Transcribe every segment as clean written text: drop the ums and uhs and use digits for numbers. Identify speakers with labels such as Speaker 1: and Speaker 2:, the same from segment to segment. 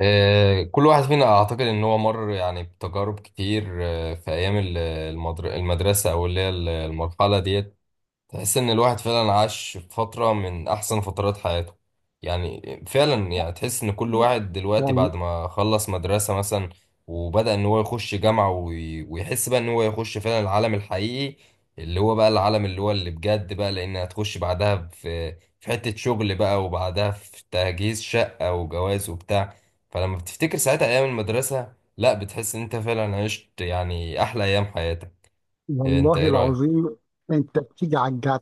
Speaker 1: كل واحد فينا اعتقد ان هو مر يعني بتجارب كتير، في ايام المدرسه او اللي هي المرحله ديت. تحس ان الواحد فعلا عاش في فترة من احسن فترات حياته. يعني فعلا يعني تحس ان كل واحد دلوقتي
Speaker 2: وال-
Speaker 1: بعد ما خلص مدرسة مثلا وبدأ ان هو يخش جامعة ويحس بقى ان هو يخش فعلا العالم الحقيقي، اللي هو بقى العالم اللي هو اللي بجد بقى، لان هتخش بعدها في حتة شغل بقى، وبعدها في تجهيز شقة وجواز وبتاع. فلما بتفتكر ساعتها ايام المدرسة، لا بتحس ان انت فعلا عشت يعني احلى ايام حياتك. إيه، انت
Speaker 2: والله
Speaker 1: ايه رأيك؟
Speaker 2: العظيم، انت بتيجي على الجد.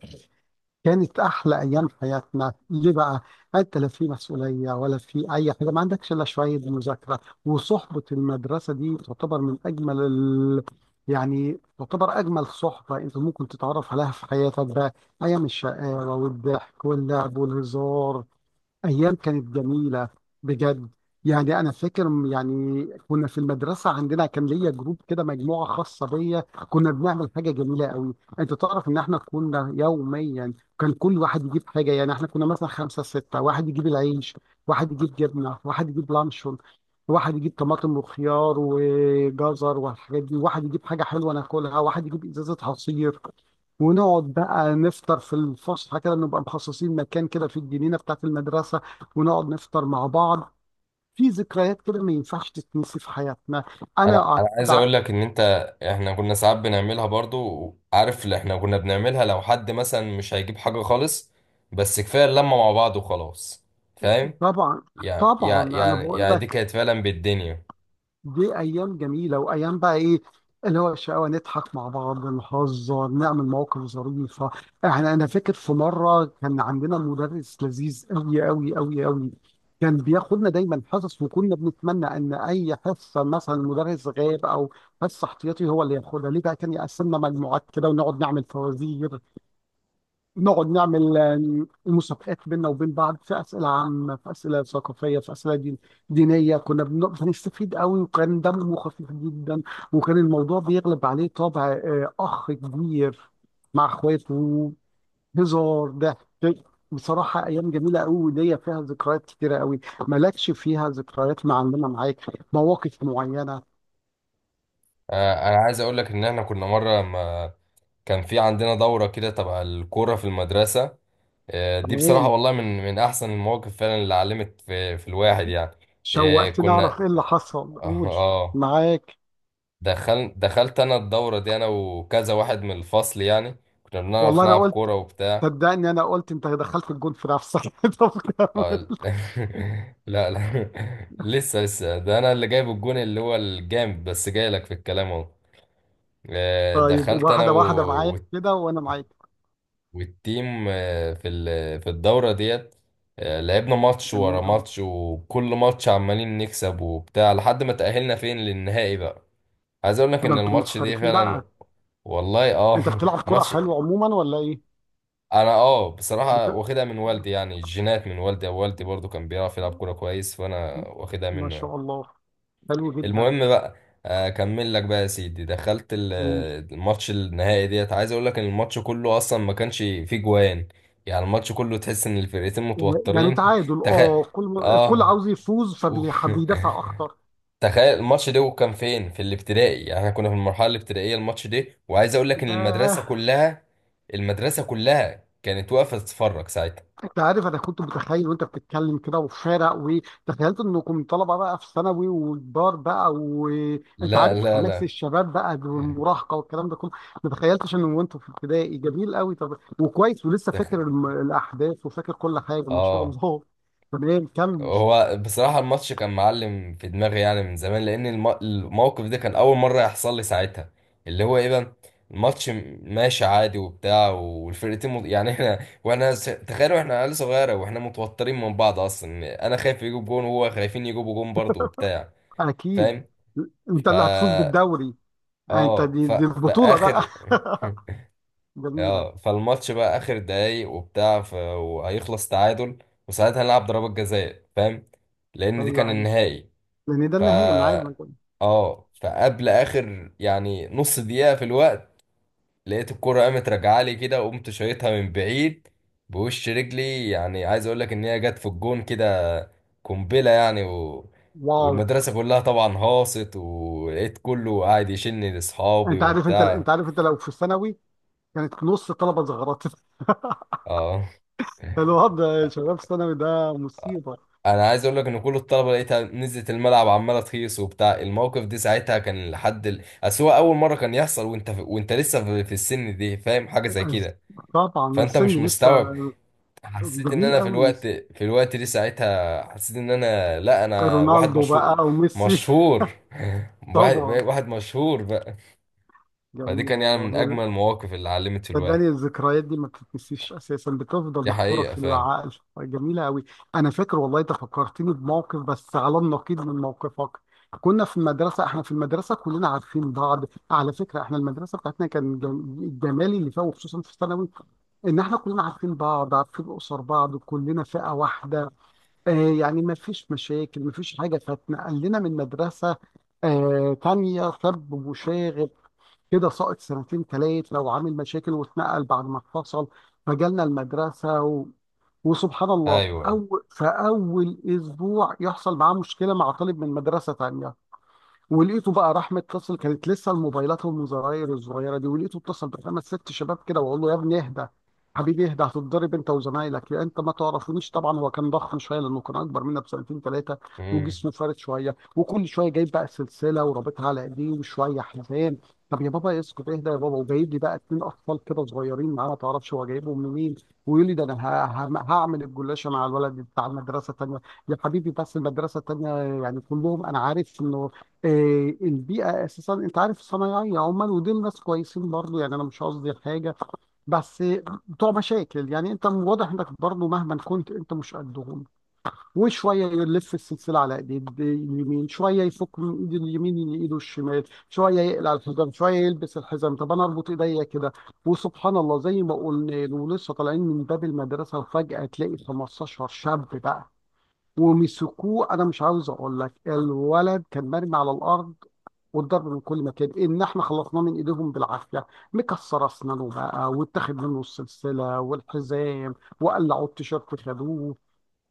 Speaker 2: كانت احلى ايام حياتنا، ليه بقى؟ انت لا في مسؤوليه ولا في اي حاجه، ما عندكش الا شويه مذاكره. وصحبه المدرسه دي تعتبر من يعني تعتبر اجمل صحبه انت ممكن تتعرف عليها في حياتك بقى. ايام الشقاوه والضحك واللعب والهزار، أيام كانت جميلة بجد. يعني أنا فاكر يعني كنا في المدرسة، عندنا كان ليا جروب كده، مجموعة خاصة بيا. كنا بنعمل حاجة جميلة قوي، أنت تعرف إن إحنا كنا يوميا كان كل واحد يجيب حاجة. يعني إحنا كنا مثلا خمسة ستة، واحد يجيب العيش، واحد يجيب جبنة، واحد يجيب لانشون، واحد يجيب طماطم وخيار وجزر والحاجات دي، واحد يجيب حاجة حلوة ناكلها، واحد يجيب إزازة عصير. ونقعد بقى نفطر في الفسحه كده، نبقى مخصصين مكان كده في الجنينه بتاعت المدرسه، ونقعد نفطر مع بعض. في ذكريات كده ما ينفعش تتنسي في حياتنا.
Speaker 1: انا
Speaker 2: انا
Speaker 1: انا
Speaker 2: أعت-
Speaker 1: عايز
Speaker 2: بع-
Speaker 1: اقول لك ان انت، احنا كنا ساعات بنعملها برضو، عارف اللي احنا كنا بنعملها؟ لو حد مثلا مش هيجيب حاجة خالص، بس كفاية اللمة مع بعض وخلاص. فاهم؟
Speaker 2: طبعا،
Speaker 1: يعني
Speaker 2: طبعا
Speaker 1: يعني
Speaker 2: انا
Speaker 1: يعني
Speaker 2: بقول
Speaker 1: يعني دي
Speaker 2: لك،
Speaker 1: كانت فعلا بالدنيا.
Speaker 2: دي ايام جميله، وايام بقى ايه؟ اللي هو الشقاوه، نضحك مع بعض، نهزر، نعمل مواقف ظريفه. انا فاكر في مره كان عندنا مدرس لذيذ قوي قوي قوي قوي. كان بياخدنا دايما حصص، وكنا بنتمنى ان اي حصه مثلا المدرس غاب، او حصه احتياطي هو اللي ياخدها، ليه بقى؟ كان يقسمنا مجموعات كده ونقعد نعمل فوازير، نقعد نعمل مسابقات بيننا وبين بعض، في اسئله عامه، في اسئله ثقافيه، في اسئله دينيه. بنستفيد قوي، وكان دمه خفيف جدا. وكان الموضوع بيغلب عليه طابع اخ كبير مع اخواته، هزار، ضحك. بصراحه ايام جميله قوي، وليا فيها ذكريات كتيره قوي. مالكش فيها ذكريات معلمه معاك؟ مواقف معينه؟
Speaker 1: انا عايز اقول لك ان احنا كنا مرة ما كان في عندنا دورة كده تبع الكورة في المدرسة. دي بصراحة
Speaker 2: تمام.
Speaker 1: والله من احسن المواقف فعلا اللي علمت في الواحد يعني.
Speaker 2: شوقتني اعرف
Speaker 1: كنا
Speaker 2: ايه اللي حصل، قول.
Speaker 1: اه.
Speaker 2: معاك.
Speaker 1: دخلت انا الدورة دي انا وكذا واحد من الفصل يعني، كنا بنعرف
Speaker 2: والله انا
Speaker 1: نلعب
Speaker 2: قلت،
Speaker 1: كورة وبتاع.
Speaker 2: صدقني انا قلت انت دخلت الجول في نفسك. طب
Speaker 1: آه،
Speaker 2: كمل.
Speaker 1: ال- لا، لسه ده انا اللي جايب الجون اللي هو الجامد، بس جاي لك في الكلام اهو.
Speaker 2: طيب
Speaker 1: دخلت انا
Speaker 2: واحده واحده معايا كده وانا معاك.
Speaker 1: والتيم في الدورة ديت. لعبنا ماتش
Speaker 2: جميل
Speaker 1: ورا
Speaker 2: قوي.
Speaker 1: ماتش، وكل ماتش عمالين نكسب وبتاع لحد ما تأهلنا فين للنهائي بقى. عايز اقول لك
Speaker 2: ده
Speaker 1: ان
Speaker 2: انتم
Speaker 1: الماتش دي
Speaker 2: محترفين
Speaker 1: فعلا،
Speaker 2: بقى.
Speaker 1: والله اه
Speaker 2: انت بتلعب كرة
Speaker 1: ماتش.
Speaker 2: حلو عموما ولا ايه؟
Speaker 1: انا اه بصراحه
Speaker 2: بت...
Speaker 1: واخدها من والدي يعني، الجينات من والدي، او والدي برضو كان بيعرف يلعب كوره كويس، فانا واخدها
Speaker 2: ما
Speaker 1: منه يعني.
Speaker 2: شاء الله، حلو جدا.
Speaker 1: المهم بقى، اكمل لك بقى يا سيدي. دخلت
Speaker 2: و-
Speaker 1: الماتش النهائي ديت. عايز اقول لك ان الماتش كله اصلا ما كانش فيه جوان، يعني الماتش كله تحس ان الفرقتين
Speaker 2: يعني
Speaker 1: متوترين
Speaker 2: تعادل،
Speaker 1: تخيل.
Speaker 2: اه، كل
Speaker 1: اه.
Speaker 2: عاوز يفوز،
Speaker 1: أوف.
Speaker 2: فبيدافع اكتر.
Speaker 1: تخيل الماتش ده كان فين؟ في الابتدائي، يعني احنا كنا في المرحله الابتدائيه الماتش ده. وعايز اقول لك ان
Speaker 2: ياه.
Speaker 1: المدرسه كلها، المدرسه كلها كانت واقفه تتفرج ساعتها.
Speaker 2: انت عارف انا كنت متخيل وانت بتتكلم كده وفارق، وتخيلت انكم طلبه بقى في ثانوي وكبار بقى، وانت
Speaker 1: لا
Speaker 2: عارف
Speaker 1: لا
Speaker 2: حماس
Speaker 1: لا.
Speaker 2: الشباب بقى والمراهقه والكلام ده كله. ما تخيلتش ان وانتوا في ابتدائي. جميل قوي. طب وكويس ولسه
Speaker 1: تخن.
Speaker 2: فاكر الاحداث وفاكر كل حاجه، ما شاء
Speaker 1: اه.
Speaker 2: الله. تمام كمل.
Speaker 1: هو بصراحة الماتش كان معلم في دماغي يعني من زمان، لأن الموقف ده كان أول مرة يحصل لي ساعتها. اللي هو إيه بقى؟ الماتش ماشي عادي وبتاع، والفرقتين يعني إحنا وإحنا تخيلوا إحنا عيال صغيرة وإحنا متوترين من بعض أصلا، أنا خايف يجيب جون وهو خايفين يجيبوا جون برضه وبتاع.
Speaker 2: اكيد.
Speaker 1: فاهم؟
Speaker 2: انت اللي هتفوز
Speaker 1: فا،
Speaker 2: بالدوري. آه، انت
Speaker 1: آه
Speaker 2: دي, دي البطوله بقى.
Speaker 1: فآخر.
Speaker 2: جميله.
Speaker 1: اه، فالماتش بقى اخر دقايق وبتاع وهيخلص تعادل، وساعتها هنلعب ضربات جزاء، فاهم، لان دي
Speaker 2: ايوه
Speaker 1: كان
Speaker 2: ايوه،
Speaker 1: النهائي.
Speaker 2: لان ده
Speaker 1: ف
Speaker 2: النهائي انا عارف.
Speaker 1: اه، فقبل اخر يعني نص دقيقة في الوقت، لقيت الكرة قامت راجعة لي كده، وقمت شايطها من بعيد بوش رجلي، يعني عايز اقول لك ان هي جت في الجون كده قنبلة يعني
Speaker 2: واو.
Speaker 1: والمدرسة كلها طبعا هاصت، ولقيت كله قاعد يشني لاصحابي
Speaker 2: انت عارف، انت
Speaker 1: وبتاع.
Speaker 2: انت عارف، انت لو في ثانوي كانت نص الطلبه اتزغرت.
Speaker 1: اه.
Speaker 2: الوضع يا شباب ثانوي ده مصيبه.
Speaker 1: انا عايز اقول لك ان كل الطلبه لقيتها نزلت الملعب عماله تخيص وبتاع. الموقف دي ساعتها كان لحد اصل هو اول مره كان يحصل، وانت لسه في السن دي فاهم حاجه زي كده،
Speaker 2: طبعا
Speaker 1: فانت
Speaker 2: السن
Speaker 1: مش
Speaker 2: لسه.
Speaker 1: مستوعب. حسيت ان
Speaker 2: جميل
Speaker 1: انا في
Speaker 2: قوي.
Speaker 1: الوقت، في الوقت دي ساعتها حسيت ان انا، لا، انا واحد
Speaker 2: رونالدو
Speaker 1: مشهور.
Speaker 2: بقى وميسي.
Speaker 1: مشهور. واحد
Speaker 2: طبعا.
Speaker 1: واحد مشهور بقى. فدي
Speaker 2: جميل
Speaker 1: كان يعني من
Speaker 2: والله.
Speaker 1: اجمل المواقف اللي علمت في الواحد.
Speaker 2: صدقني الذكريات دي ما بتتنسيش، اساسا بتفضل
Speaker 1: دي
Speaker 2: محفوره
Speaker 1: حقيقه
Speaker 2: في
Speaker 1: فعلا.
Speaker 2: العقل. جميله قوي. انا فاكر والله انت فكرتني بموقف، بس على النقيض من موقفك. كنا في المدرسه، احنا في المدرسه كلنا عارفين بعض. على فكره احنا المدرسه بتاعتنا كان الجمالي اللي فيها، وخصوصا في الثانوي، ان احنا كلنا عارفين بعض، عارفين اسر بعض، كلنا فئه واحده. آه، يعني ما فيش مشاكل ما فيش حاجه. فاتنقل لنا من مدرسه آه تانية سب وشاغل كده، ساقط سنتين تلات، لو عامل مشاكل واتنقل بعد ما اتفصل. فجالنا المدرسة وسبحان الله،
Speaker 1: ايوه.
Speaker 2: في أول أسبوع يحصل معاه مشكلة مع طالب من مدرسة تانية. ولقيته بقى راح متصل، كانت لسه الموبايلات والمزراير الصغيره دي، ولقيته اتصل بخمس ست شباب كده. واقول له: يا ابني اهدى، حبيبي اهدى، هتتضرب انت وزمايلك، يا انت ما تعرفونيش. طبعا هو كان ضخم شويه لانه كان اكبر منا بسنتين ثلاثه،
Speaker 1: امم.
Speaker 2: وجسمه فارد شويه، وكل شويه جايب بقى سلسله ورابطها على ايديه، وشويه حزام. طب يا بابا اسكت اهدى يا بابا. وجايب لي بقى اتنين اطفال كده صغيرين معاه، ما تعرفش هو جايبهم منين. ويقول لي: ده انا هعمل الجلاشه مع الولد بتاع المدرسه الثانيه. يا حبيبي، بس المدرسه الثانيه يعني كلهم انا عارف انه، آه، البيئة أساسا، أنت عارف، صنايعية، عمال، ودول ناس كويسين برضو، يعني أنا مش قصدي حاجة، بس بتوع مشاكل. يعني أنت واضح إنك برضو مهما كنت أنت مش قدهم. وشوية يلف السلسلة على إيد اليمين، شوية يفك من إيد اليمين لإيده الشمال، شوية يقلع الحزام، شوية يلبس الحزام. طب أنا أربط إيديا كده. وسبحان الله، زي ما قلنا، ولسه طالعين من باب المدرسة وفجأة تلاقي 15 شاب بقى ومسكوه. انا مش عاوز اقول لك، الولد كان مرمي على الارض والضرب من كل مكان، ان احنا خلصناه من ايديهم بالعافيه. مكسر اسنانه بقى، واتاخد منه السلسله والحزام، وقلعوا التيشيرت خدوه.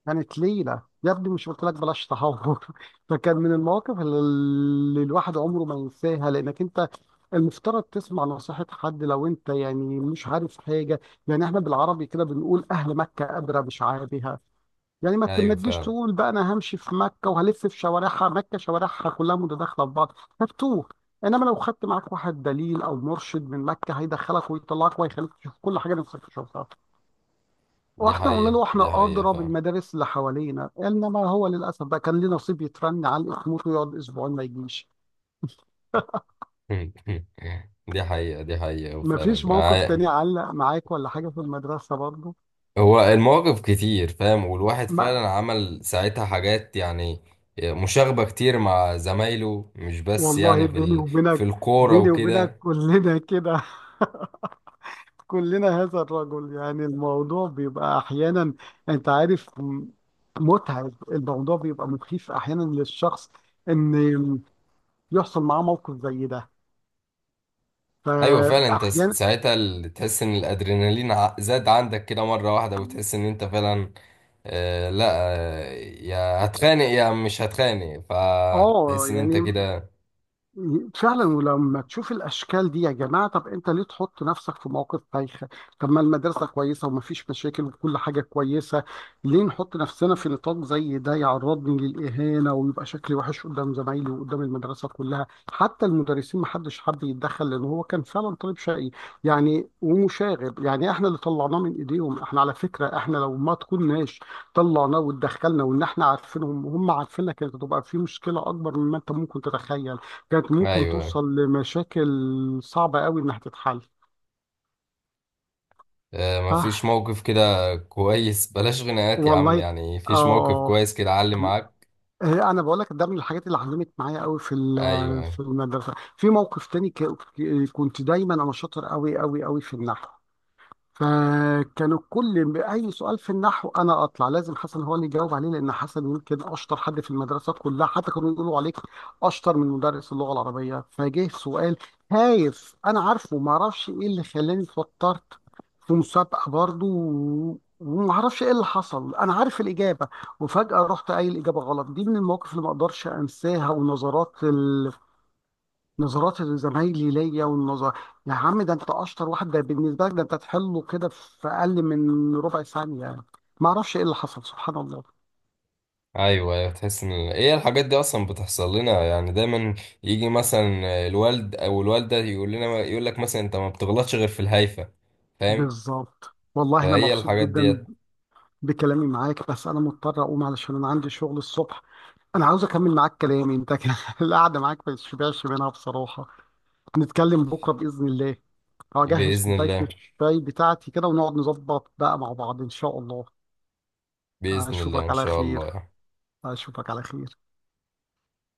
Speaker 2: كانت ليله. يا ابني مش قلت لك بلاش تهور. فكان من المواقف اللي الواحد عمره ما ينساها، لانك انت المفترض تسمع نصيحة حد لو انت يعني مش عارف حاجة. يعني احنا بالعربي كده بنقول: اهل مكة ادرى بشعابها. يعني ما
Speaker 1: ايوه
Speaker 2: تجيش
Speaker 1: فعلا.
Speaker 2: تقول بقى انا همشي في مكه وهلف في شوارعها، مكه شوارعها كلها متداخله في بعض، هتوه. انما لو خدت معاك واحد دليل او مرشد من مكه، هيدخلك ويطلعك ويخليك تشوف كل حاجه نفسك تشوفها.
Speaker 1: دي
Speaker 2: واحنا قلنا
Speaker 1: حقيقه،
Speaker 2: له
Speaker 1: دي
Speaker 2: احنا
Speaker 1: حقيقه
Speaker 2: اضرب
Speaker 1: فعلا.
Speaker 2: المدارس اللي حوالينا، انما هو للاسف بقى كان ليه نصيب يترن على، يموت ويقعد اسبوعين ما يجيش.
Speaker 1: دي حقيقة، دي حقيقة
Speaker 2: ما
Speaker 1: وفعلا
Speaker 2: فيش موقف تاني علق معاك ولا حاجه في المدرسه برضه؟
Speaker 1: هو المواقف كتير فاهم، والواحد
Speaker 2: ما
Speaker 1: فعلا عمل ساعتها حاجات يعني مشاغبة كتير مع زمايله، مش بس يعني
Speaker 2: والله،
Speaker 1: في
Speaker 2: بيني
Speaker 1: في
Speaker 2: وبينك،
Speaker 1: الكورة
Speaker 2: بيني وبينك
Speaker 1: وكده.
Speaker 2: كلنا كده. كلنا هذا الرجل. يعني الموضوع بيبقى احيانا، انت عارف، متعب. الموضوع بيبقى مخيف احيانا للشخص ان يحصل معاه موقف زي ده.
Speaker 1: أيوة فعلا. أنت س-
Speaker 2: فاحيانا
Speaker 1: ساعتها ال- تحس إن الأدرينالين زاد عندك كده مرة واحدة، وتحس إن أنت فعلا، آه لا، يا هتخانق يا مش هتخانق،
Speaker 2: اه،
Speaker 1: فتحس إن أنت
Speaker 2: يعني
Speaker 1: كده.
Speaker 2: فعلا. ولما تشوف الاشكال دي يا جماعه، طب انت ليه تحط نفسك في موقف بايخ؟ طب ما المدرسه كويسه ومفيش مشاكل وكل حاجه كويسه. ليه نحط نفسنا في نطاق زي ده يعرضني للاهانه ويبقى شكلي وحش قدام زمايلي وقدام المدرسه كلها؟ حتى المدرسين محدش حب يتدخل، لان هو كان فعلا طالب شقي يعني، ومشاغب. يعني احنا اللي طلعناه من ايديهم. احنا على فكره، احنا لو ما تكوناش طلعناه واتدخلنا، وان احنا عارفينهم وهم عارفيننا، كانت هتبقى في مشكله اكبر مما انت ممكن تتخيل. كانت ممكن
Speaker 1: أيوة.
Speaker 2: توصل لمشاكل صعبة قوي إنها تتحل.
Speaker 1: مفيش
Speaker 2: ها.
Speaker 1: موقف كده كويس؟ بلاش غناءات يا عم،
Speaker 2: والله.
Speaker 1: يعني مفيش موقف
Speaker 2: آه.
Speaker 1: كويس كده علم معاك؟
Speaker 2: آه، أنا بقول لك ده من الحاجات اللي علمت معايا قوي، في
Speaker 1: ايوه.
Speaker 2: المدرسة. في موقف تاني كنت دايما أنا شاطر قوي قوي قوي في النحو. فكانوا كل اي سؤال في النحو انا اطلع لازم حسن هو اللي يجاوب عليه، لان حسن يمكن اشطر حد في المدرسات كلها. حتى كانوا يقولوا عليك اشطر من مدرس اللغه العربيه. فجه سؤال هايف انا عارفه، ما اعرفش ايه اللي خلاني اتوترت في مسابقه برضو. وما اعرفش ايه اللي حصل، انا عارف الاجابه وفجاه رحت قايل الاجابه غلط. دي من المواقف اللي ما اقدرش انساها، والنظرات، نظرات زمايلي ليا. والنظر: يا عم ده انت اشطر واحد، ده بالنسبه لك ده انت تحله كده في اقل من ربع ثانيه يعني. ما اعرفش ايه اللي حصل، سبحان الله.
Speaker 1: ايوه تحس ان ايه الحاجات دي اصلا بتحصل لنا يعني دايما. يجي مثلا الوالد او الوالده يقول لنا، يقول لك مثلا، انت ما بتغلطش غير في الهايفه. فاهم؟
Speaker 2: بالظبط والله. انا
Speaker 1: فهي
Speaker 2: مبسوط
Speaker 1: الحاجات
Speaker 2: جدا
Speaker 1: ديت.
Speaker 2: بكلامي معاك، بس انا مضطر اقوم علشان انا عندي شغل الصبح. انا عاوز اكمل معاك كلامي انت كده. القعده معاك ما تشبعش منها بصراحه. نتكلم بكره باذن الله. هجهز
Speaker 1: باذن
Speaker 2: كوبايه
Speaker 1: الله،
Speaker 2: الشاي بتاعتي كده ونقعد نظبط بقى مع بعض ان شاء الله.
Speaker 1: باذن الله
Speaker 2: اشوفك
Speaker 1: ان
Speaker 2: على
Speaker 1: شاء
Speaker 2: خير.
Speaker 1: الله يعني.
Speaker 2: اشوفك على خير.